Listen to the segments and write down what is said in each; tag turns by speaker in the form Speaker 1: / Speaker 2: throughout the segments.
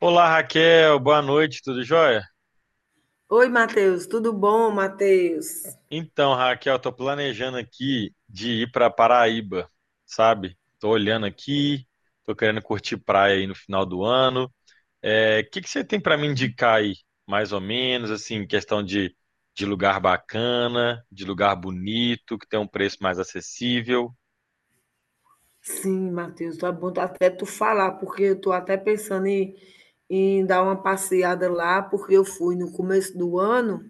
Speaker 1: Olá, Raquel, boa noite, tudo jóia?
Speaker 2: Oi, Matheus, tudo bom, Matheus?
Speaker 1: Então, Raquel, tô planejando aqui de ir para Paraíba, sabe? Tô olhando aqui, tô querendo curtir praia aí no final do ano. É, o que que você tem para me indicar aí, mais ou menos, assim, questão de lugar bacana, de lugar bonito, que tem um preço mais acessível?
Speaker 2: Sim, Matheus, tá bom até tu falar, porque eu tô até pensando em, dar uma passeada lá, porque eu fui no começo do ano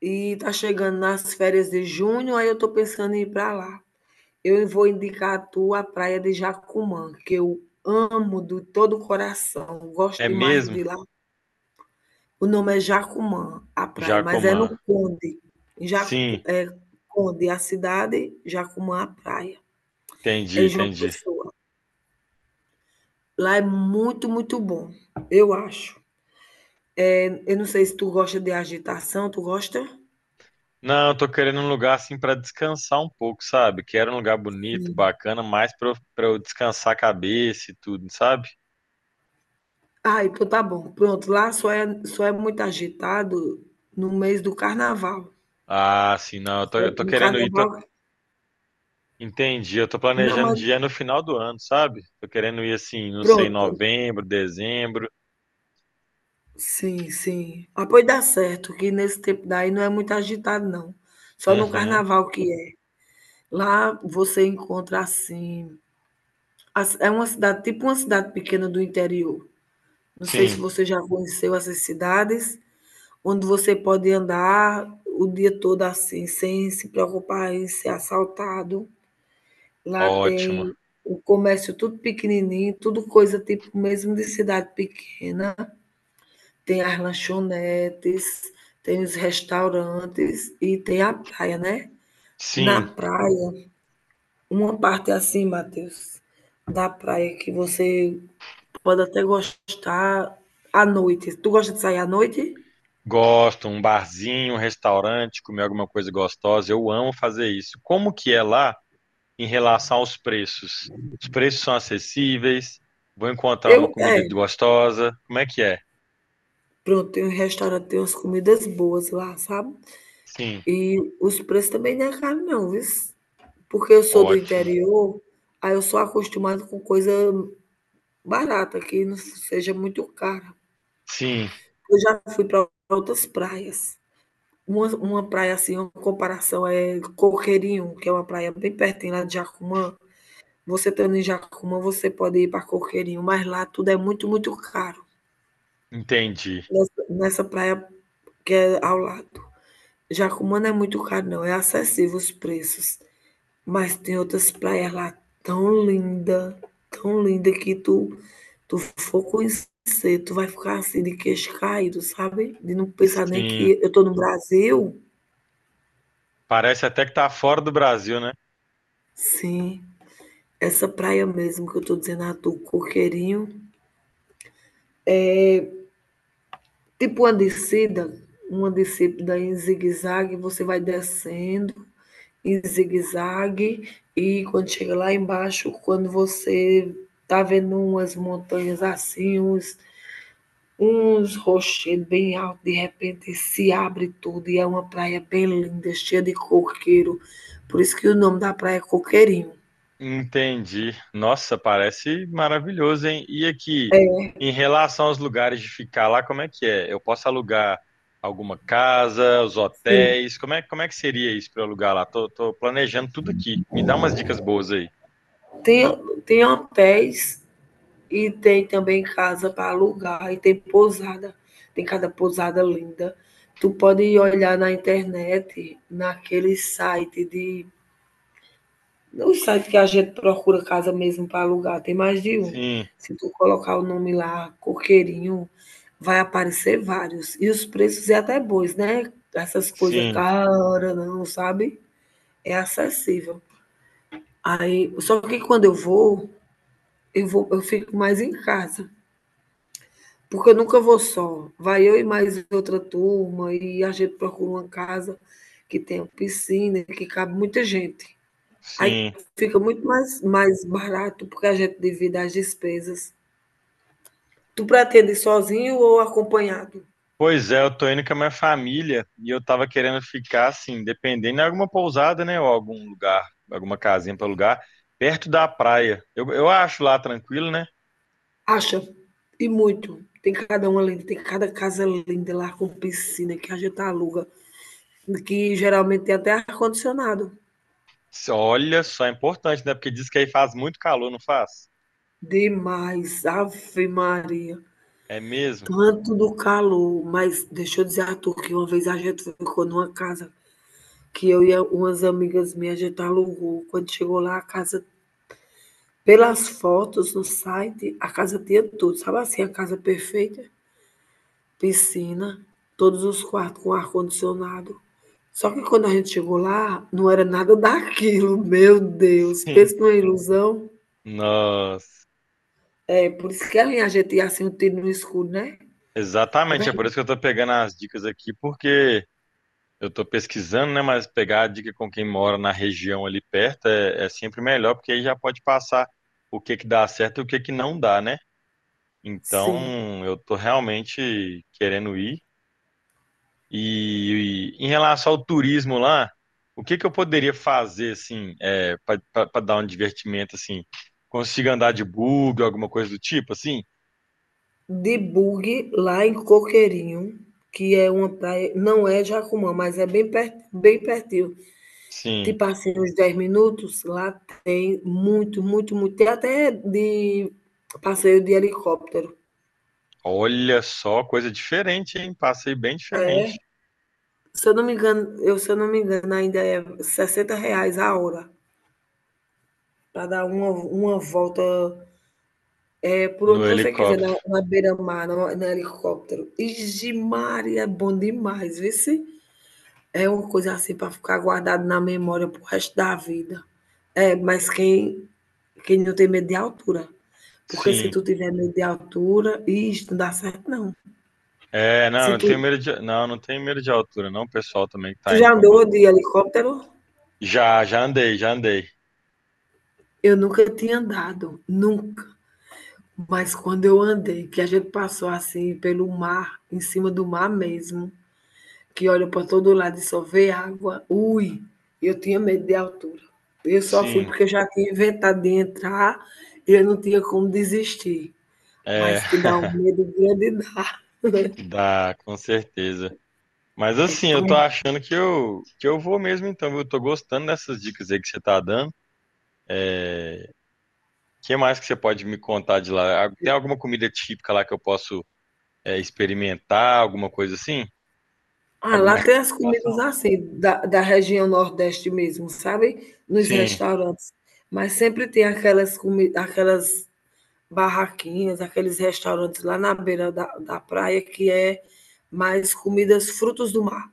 Speaker 2: e tá chegando nas férias de junho, aí eu tô pensando em ir para lá. Eu vou indicar a tu a praia de Jacumã, que eu amo de todo o coração, gosto
Speaker 1: É
Speaker 2: demais
Speaker 1: mesmo,
Speaker 2: de lá. O nome é Jacumã, a praia, mas é
Speaker 1: Jacomã?
Speaker 2: no Conde. Em Jacu,
Speaker 1: Sim,
Speaker 2: é Conde, a cidade, Jacumã, a praia. É
Speaker 1: entendi,
Speaker 2: João
Speaker 1: entendi.
Speaker 2: Pessoa. Lá é muito, muito bom, eu acho. Eu não sei se tu gosta de agitação, tu gosta?
Speaker 1: Não, eu tô querendo um lugar assim pra descansar um pouco, sabe? Quero um lugar bonito, bacana, mais pra eu descansar a cabeça e tudo, sabe?
Speaker 2: Ah, então tá bom. Pronto, lá só é muito agitado no mês do carnaval.
Speaker 1: Ah, sim, não, eu tô,
Speaker 2: Só
Speaker 1: eu tô
Speaker 2: no
Speaker 1: querendo ir, tô-
Speaker 2: carnaval,
Speaker 1: entendi, eu tô
Speaker 2: não,
Speaker 1: planejando
Speaker 2: mas
Speaker 1: dia no final do ano, sabe? Tô querendo ir assim, não sei,
Speaker 2: pronto.
Speaker 1: novembro, dezembro.
Speaker 2: Sim, sim. Ah, pois dá certo, que nesse tempo daí não é muito agitado, não. Só no
Speaker 1: Uhum,
Speaker 2: carnaval que é. Lá você encontra assim. É uma cidade, tipo uma cidade pequena do interior. Não sei se
Speaker 1: sim,
Speaker 2: você já conheceu essas cidades, onde você pode andar o dia todo assim, sem se preocupar em ser assaltado. Lá
Speaker 1: ótimo.
Speaker 2: tem o comércio tudo pequenininho, tudo coisa tipo mesmo de cidade pequena. Tem as lanchonetes, tem os restaurantes e tem a praia, né? Na
Speaker 1: Sim,
Speaker 2: praia, uma parte assim, Matheus, da praia que você pode até gostar à noite. Tu gosta de sair à noite?
Speaker 1: gosto, um barzinho, um restaurante, comer alguma coisa gostosa, eu amo fazer isso. Como que é lá? Em relação aos preços? Os preços são acessíveis? Vou encontrar uma
Speaker 2: Eu,
Speaker 1: comida
Speaker 2: é,
Speaker 1: gostosa? Como é que é?
Speaker 2: Pronto, tem um restaurante, tem umas comidas boas lá, sabe.
Speaker 1: Sim,
Speaker 2: E os preços também não é caro não, viu. Porque eu sou do
Speaker 1: ótimo.
Speaker 2: interior, aí eu sou acostumada com coisa barata, que não seja muito cara.
Speaker 1: Sim,
Speaker 2: Eu já fui para outras praias. Uma praia, assim, uma comparação é Coqueirinho, que é uma praia bem pertinho lá de Jacumã. Você estando em Jacumã, você pode ir para Coqueirinho, mas lá tudo é muito, muito caro,
Speaker 1: entendi.
Speaker 2: nessa praia que é ao lado. Jacumã é muito caro, não. É acessível os preços. Mas tem outras praias lá tão linda, tão linda que tu for conhecer, tu vai ficar assim de queixo caído, sabe? De não pensar nem
Speaker 1: Sim,
Speaker 2: que eu tô no Brasil.
Speaker 1: parece até que tá fora do Brasil, né?
Speaker 2: Sim, essa praia mesmo que eu tô dizendo a tu, Coqueirinho. Tipo uma descida em zigue-zague, você vai descendo em zigue-zague e quando chega lá embaixo, quando você tá vendo umas montanhas assim, uns rochedos bem altos, de repente se abre tudo e é uma praia bem linda, cheia de coqueiro. Por isso que o nome da praia é Coqueirinho.
Speaker 1: Entendi. Nossa, parece maravilhoso, hein? E aqui, em relação aos lugares de ficar lá, como é que é? Eu posso alugar alguma casa, os
Speaker 2: Sim.
Speaker 1: hotéis? Como é que seria isso para alugar lá? Tô, tô planejando tudo aqui. Me dá umas dicas boas aí.
Speaker 2: Tem hotéis e tem também casa para alugar e tem pousada. Tem cada pousada linda. Tu pode olhar na internet, naquele site de no site que a gente procura casa mesmo para alugar, tem mais de um.
Speaker 1: Sim,
Speaker 2: Se tu colocar o nome lá, Coqueirinho, vai aparecer vários. E os preços é até bons, né? Essas coisas
Speaker 1: sim.
Speaker 2: caras, não, sabe? É acessível. Aí, só que eu vou, eu fico mais em casa, porque eu nunca vou só. Vai eu e mais outra turma e a gente procura uma casa que tenha piscina, que cabe muita gente. Aí
Speaker 1: Sim.
Speaker 2: fica muito mais barato, porque a gente divide as despesas. Tu pretende ir sozinho ou acompanhado?
Speaker 1: Pois é, eu tô indo com a minha família e eu tava querendo ficar assim, dependendo de alguma pousada, né, ou algum lugar, alguma casinha para alugar, perto da praia. Eu acho lá tranquilo, né?
Speaker 2: Acha, e muito. Tem cada uma linda, tem cada casa linda lá com piscina que a gente aluga, que geralmente tem até ar-condicionado.
Speaker 1: Se- Olha só, é importante, né? Porque diz que aí faz muito calor, não faz?
Speaker 2: Demais, Ave Maria.
Speaker 1: É mesmo?
Speaker 2: Tanto do calor, mas deixa eu dizer a tu que uma vez a gente ficou numa casa que umas amigas minhas, a gente alugou. Quando chegou lá, a casa, pelas fotos no site, a casa tinha tudo, sabe assim, a casa perfeita? Piscina, todos os quartos com ar-condicionado. Só que quando a gente chegou lá, não era nada daquilo, meu Deus,
Speaker 1: Sim.
Speaker 2: pensa numa ilusão.
Speaker 1: Nossa.
Speaker 2: É, por isso que a linha a assim, um tiro no escuro, né? Quando a
Speaker 1: Exatamente, é por
Speaker 2: gente,
Speaker 1: isso que eu tô pegando as dicas aqui, porque eu tô pesquisando, né, mas pegar a dica com quem mora na região ali perto é, é sempre melhor, porque aí já pode passar o que que dá certo e o que que não dá, né?
Speaker 2: sim,
Speaker 1: Então, eu tô realmente querendo ir. E em relação ao turismo lá, o que que eu poderia fazer assim, é, para dar um divertimento assim? Consigo andar de bug, alguma coisa do tipo assim?
Speaker 2: de bug lá em Coqueirinho, que é uma praia, não é Jacumã, mas é bem pertinho.
Speaker 1: Sim.
Speaker 2: Tipo assim, uns 10 minutos, lá tem muito, muito, muito. Tem até de passeio de helicóptero.
Speaker 1: Olha só, coisa diferente, hein? Passei bem diferente
Speaker 2: Se eu não me engano, se eu não me engano, ainda é 60 reais a hora para dar uma volta, é, por
Speaker 1: no
Speaker 2: onde você quiser,
Speaker 1: helicóptero.
Speaker 2: na beira-mar, no helicóptero. Ixi, Maria, é bom demais, vê se é uma coisa assim para ficar guardado na memória pro resto da vida. É, mas quem Quem não tem medo de altura. Porque se
Speaker 1: Sim.
Speaker 2: tu tiver medo de altura, isso não dá certo, não.
Speaker 1: É, não,
Speaker 2: Se
Speaker 1: não tenho
Speaker 2: tu,
Speaker 1: medo de, não, não tenho medo de altura, não, o pessoal também que
Speaker 2: tu
Speaker 1: tá
Speaker 2: já
Speaker 1: indo
Speaker 2: andou
Speaker 1: comigo.
Speaker 2: de helicóptero?
Speaker 1: Já, já andei, já andei.
Speaker 2: Eu nunca tinha andado, nunca. Mas quando eu andei, que a gente passou assim pelo mar, em cima do mar mesmo, que olha para todo lado e só vê água, ui, eu tinha medo de altura. Eu só fui
Speaker 1: Sim.
Speaker 2: porque eu já tinha inventado de entrar e eu não tinha como desistir.
Speaker 1: É,
Speaker 2: Mas que dá um medo grande dá.
Speaker 1: dá, com certeza. Mas
Speaker 2: É
Speaker 1: assim, eu
Speaker 2: tão
Speaker 1: tô achando que eu vou mesmo então, viu? Eu tô gostando dessas dicas aí que você tá dando. É, o que mais que você pode me contar de lá? Ah, tem alguma comida típica lá que eu posso é, experimentar, alguma coisa assim?
Speaker 2: Ah, lá
Speaker 1: Alguma
Speaker 2: tem as comidas
Speaker 1: recomendação?
Speaker 2: assim, da região nordeste mesmo, sabe, nos
Speaker 1: Sim.
Speaker 2: restaurantes, mas sempre tem aquelas barraquinhas, aqueles restaurantes lá na beira da praia que é mais comidas frutos do mar.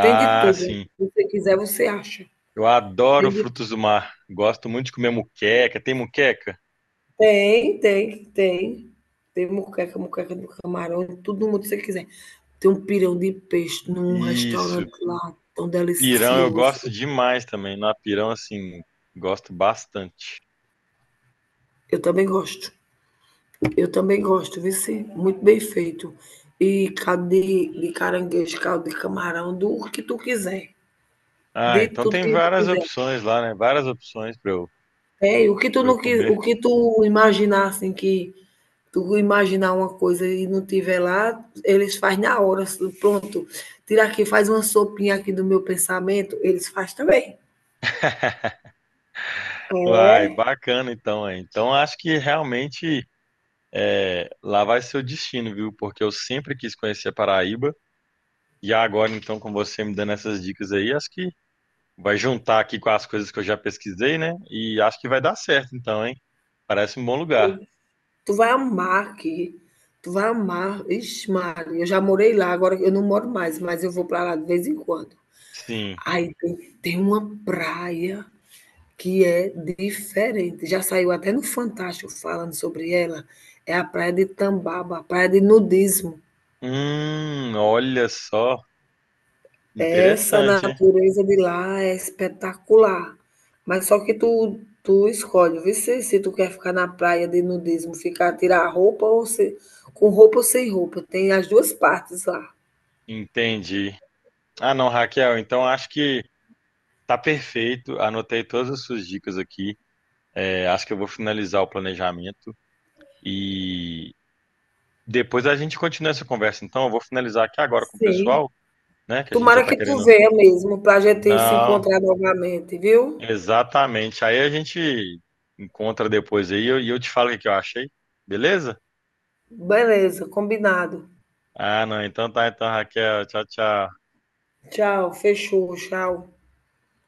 Speaker 2: Tem de tudo,
Speaker 1: sim.
Speaker 2: se você quiser você acha,
Speaker 1: Eu adoro
Speaker 2: tem de tu
Speaker 1: frutos do mar. Gosto muito de comer muqueca. Tem muqueca?
Speaker 2: tem, tem, tem. Tem moqueca, moqueca de camarão, tudo mundo que você quiser. Tem um pirão de peixe num
Speaker 1: Isso.
Speaker 2: restaurante lá, tão
Speaker 1: Pirão eu
Speaker 2: delicioso,
Speaker 1: gosto demais também. Na pirão, assim, gosto bastante.
Speaker 2: eu também gosto. Eu também gosto, viu? Sim? Muito bem feito. E caldo de caranguejo, caldo de camarão, do que tu quiser,
Speaker 1: Ah,
Speaker 2: de
Speaker 1: então
Speaker 2: tudo
Speaker 1: tem
Speaker 2: que tu
Speaker 1: várias
Speaker 2: quiser.
Speaker 1: opções lá, né? Várias opções pra eu,
Speaker 2: É, e o que tu
Speaker 1: pra eu
Speaker 2: não qui
Speaker 1: comer.
Speaker 2: o que tu imaginar, assim, que tu imaginar uma coisa e não tiver lá, eles faz na hora, assim, pronto. Tira aqui, faz uma sopinha aqui do meu pensamento, eles faz também.
Speaker 1: Uai,
Speaker 2: É,
Speaker 1: bacana então, hein? Então acho que realmente é, lá vai ser o destino, viu? Porque eu sempre quis conhecer a Paraíba e agora então com você me dando essas dicas aí, acho que vai juntar aqui com as coisas que eu já pesquisei, né? E acho que vai dar certo então, hein? Parece um bom lugar.
Speaker 2: tu vai amar aqui, tu vai amar. Ixi Maria, eu já morei lá, agora eu não moro mais, mas eu vou para lá de vez em quando.
Speaker 1: Sim.
Speaker 2: Aí tem tem uma praia que é diferente, já saiu até no Fantástico falando sobre ela, é a praia de Tambaba, a praia de nudismo.
Speaker 1: Olha só,
Speaker 2: Essa
Speaker 1: interessante, hein?
Speaker 2: natureza de lá é espetacular, mas só que tu escolhe, vê se tu quer ficar na praia de nudismo, ficar tirar a roupa ou se com roupa ou sem roupa, tem as duas partes lá.
Speaker 1: Entendi. Ah, não, Raquel, então acho que tá perfeito. Anotei todas as suas dicas aqui. É, acho que eu vou finalizar o planejamento. E depois a gente continua essa conversa. Então, eu vou finalizar aqui agora com o
Speaker 2: Sim,
Speaker 1: pessoal, né? Que a gente já
Speaker 2: tomara
Speaker 1: está
Speaker 2: que tu
Speaker 1: querendo.
Speaker 2: venha mesmo para a gente se
Speaker 1: Não,
Speaker 2: encontrar novamente, viu.
Speaker 1: exatamente. Aí a gente encontra depois aí e eu te falo o que que eu achei. Beleza?
Speaker 2: Beleza, combinado.
Speaker 1: Ah, não. Então tá, então, Raquel. Tchau, tchau.
Speaker 2: Tchau, fechou, tchau.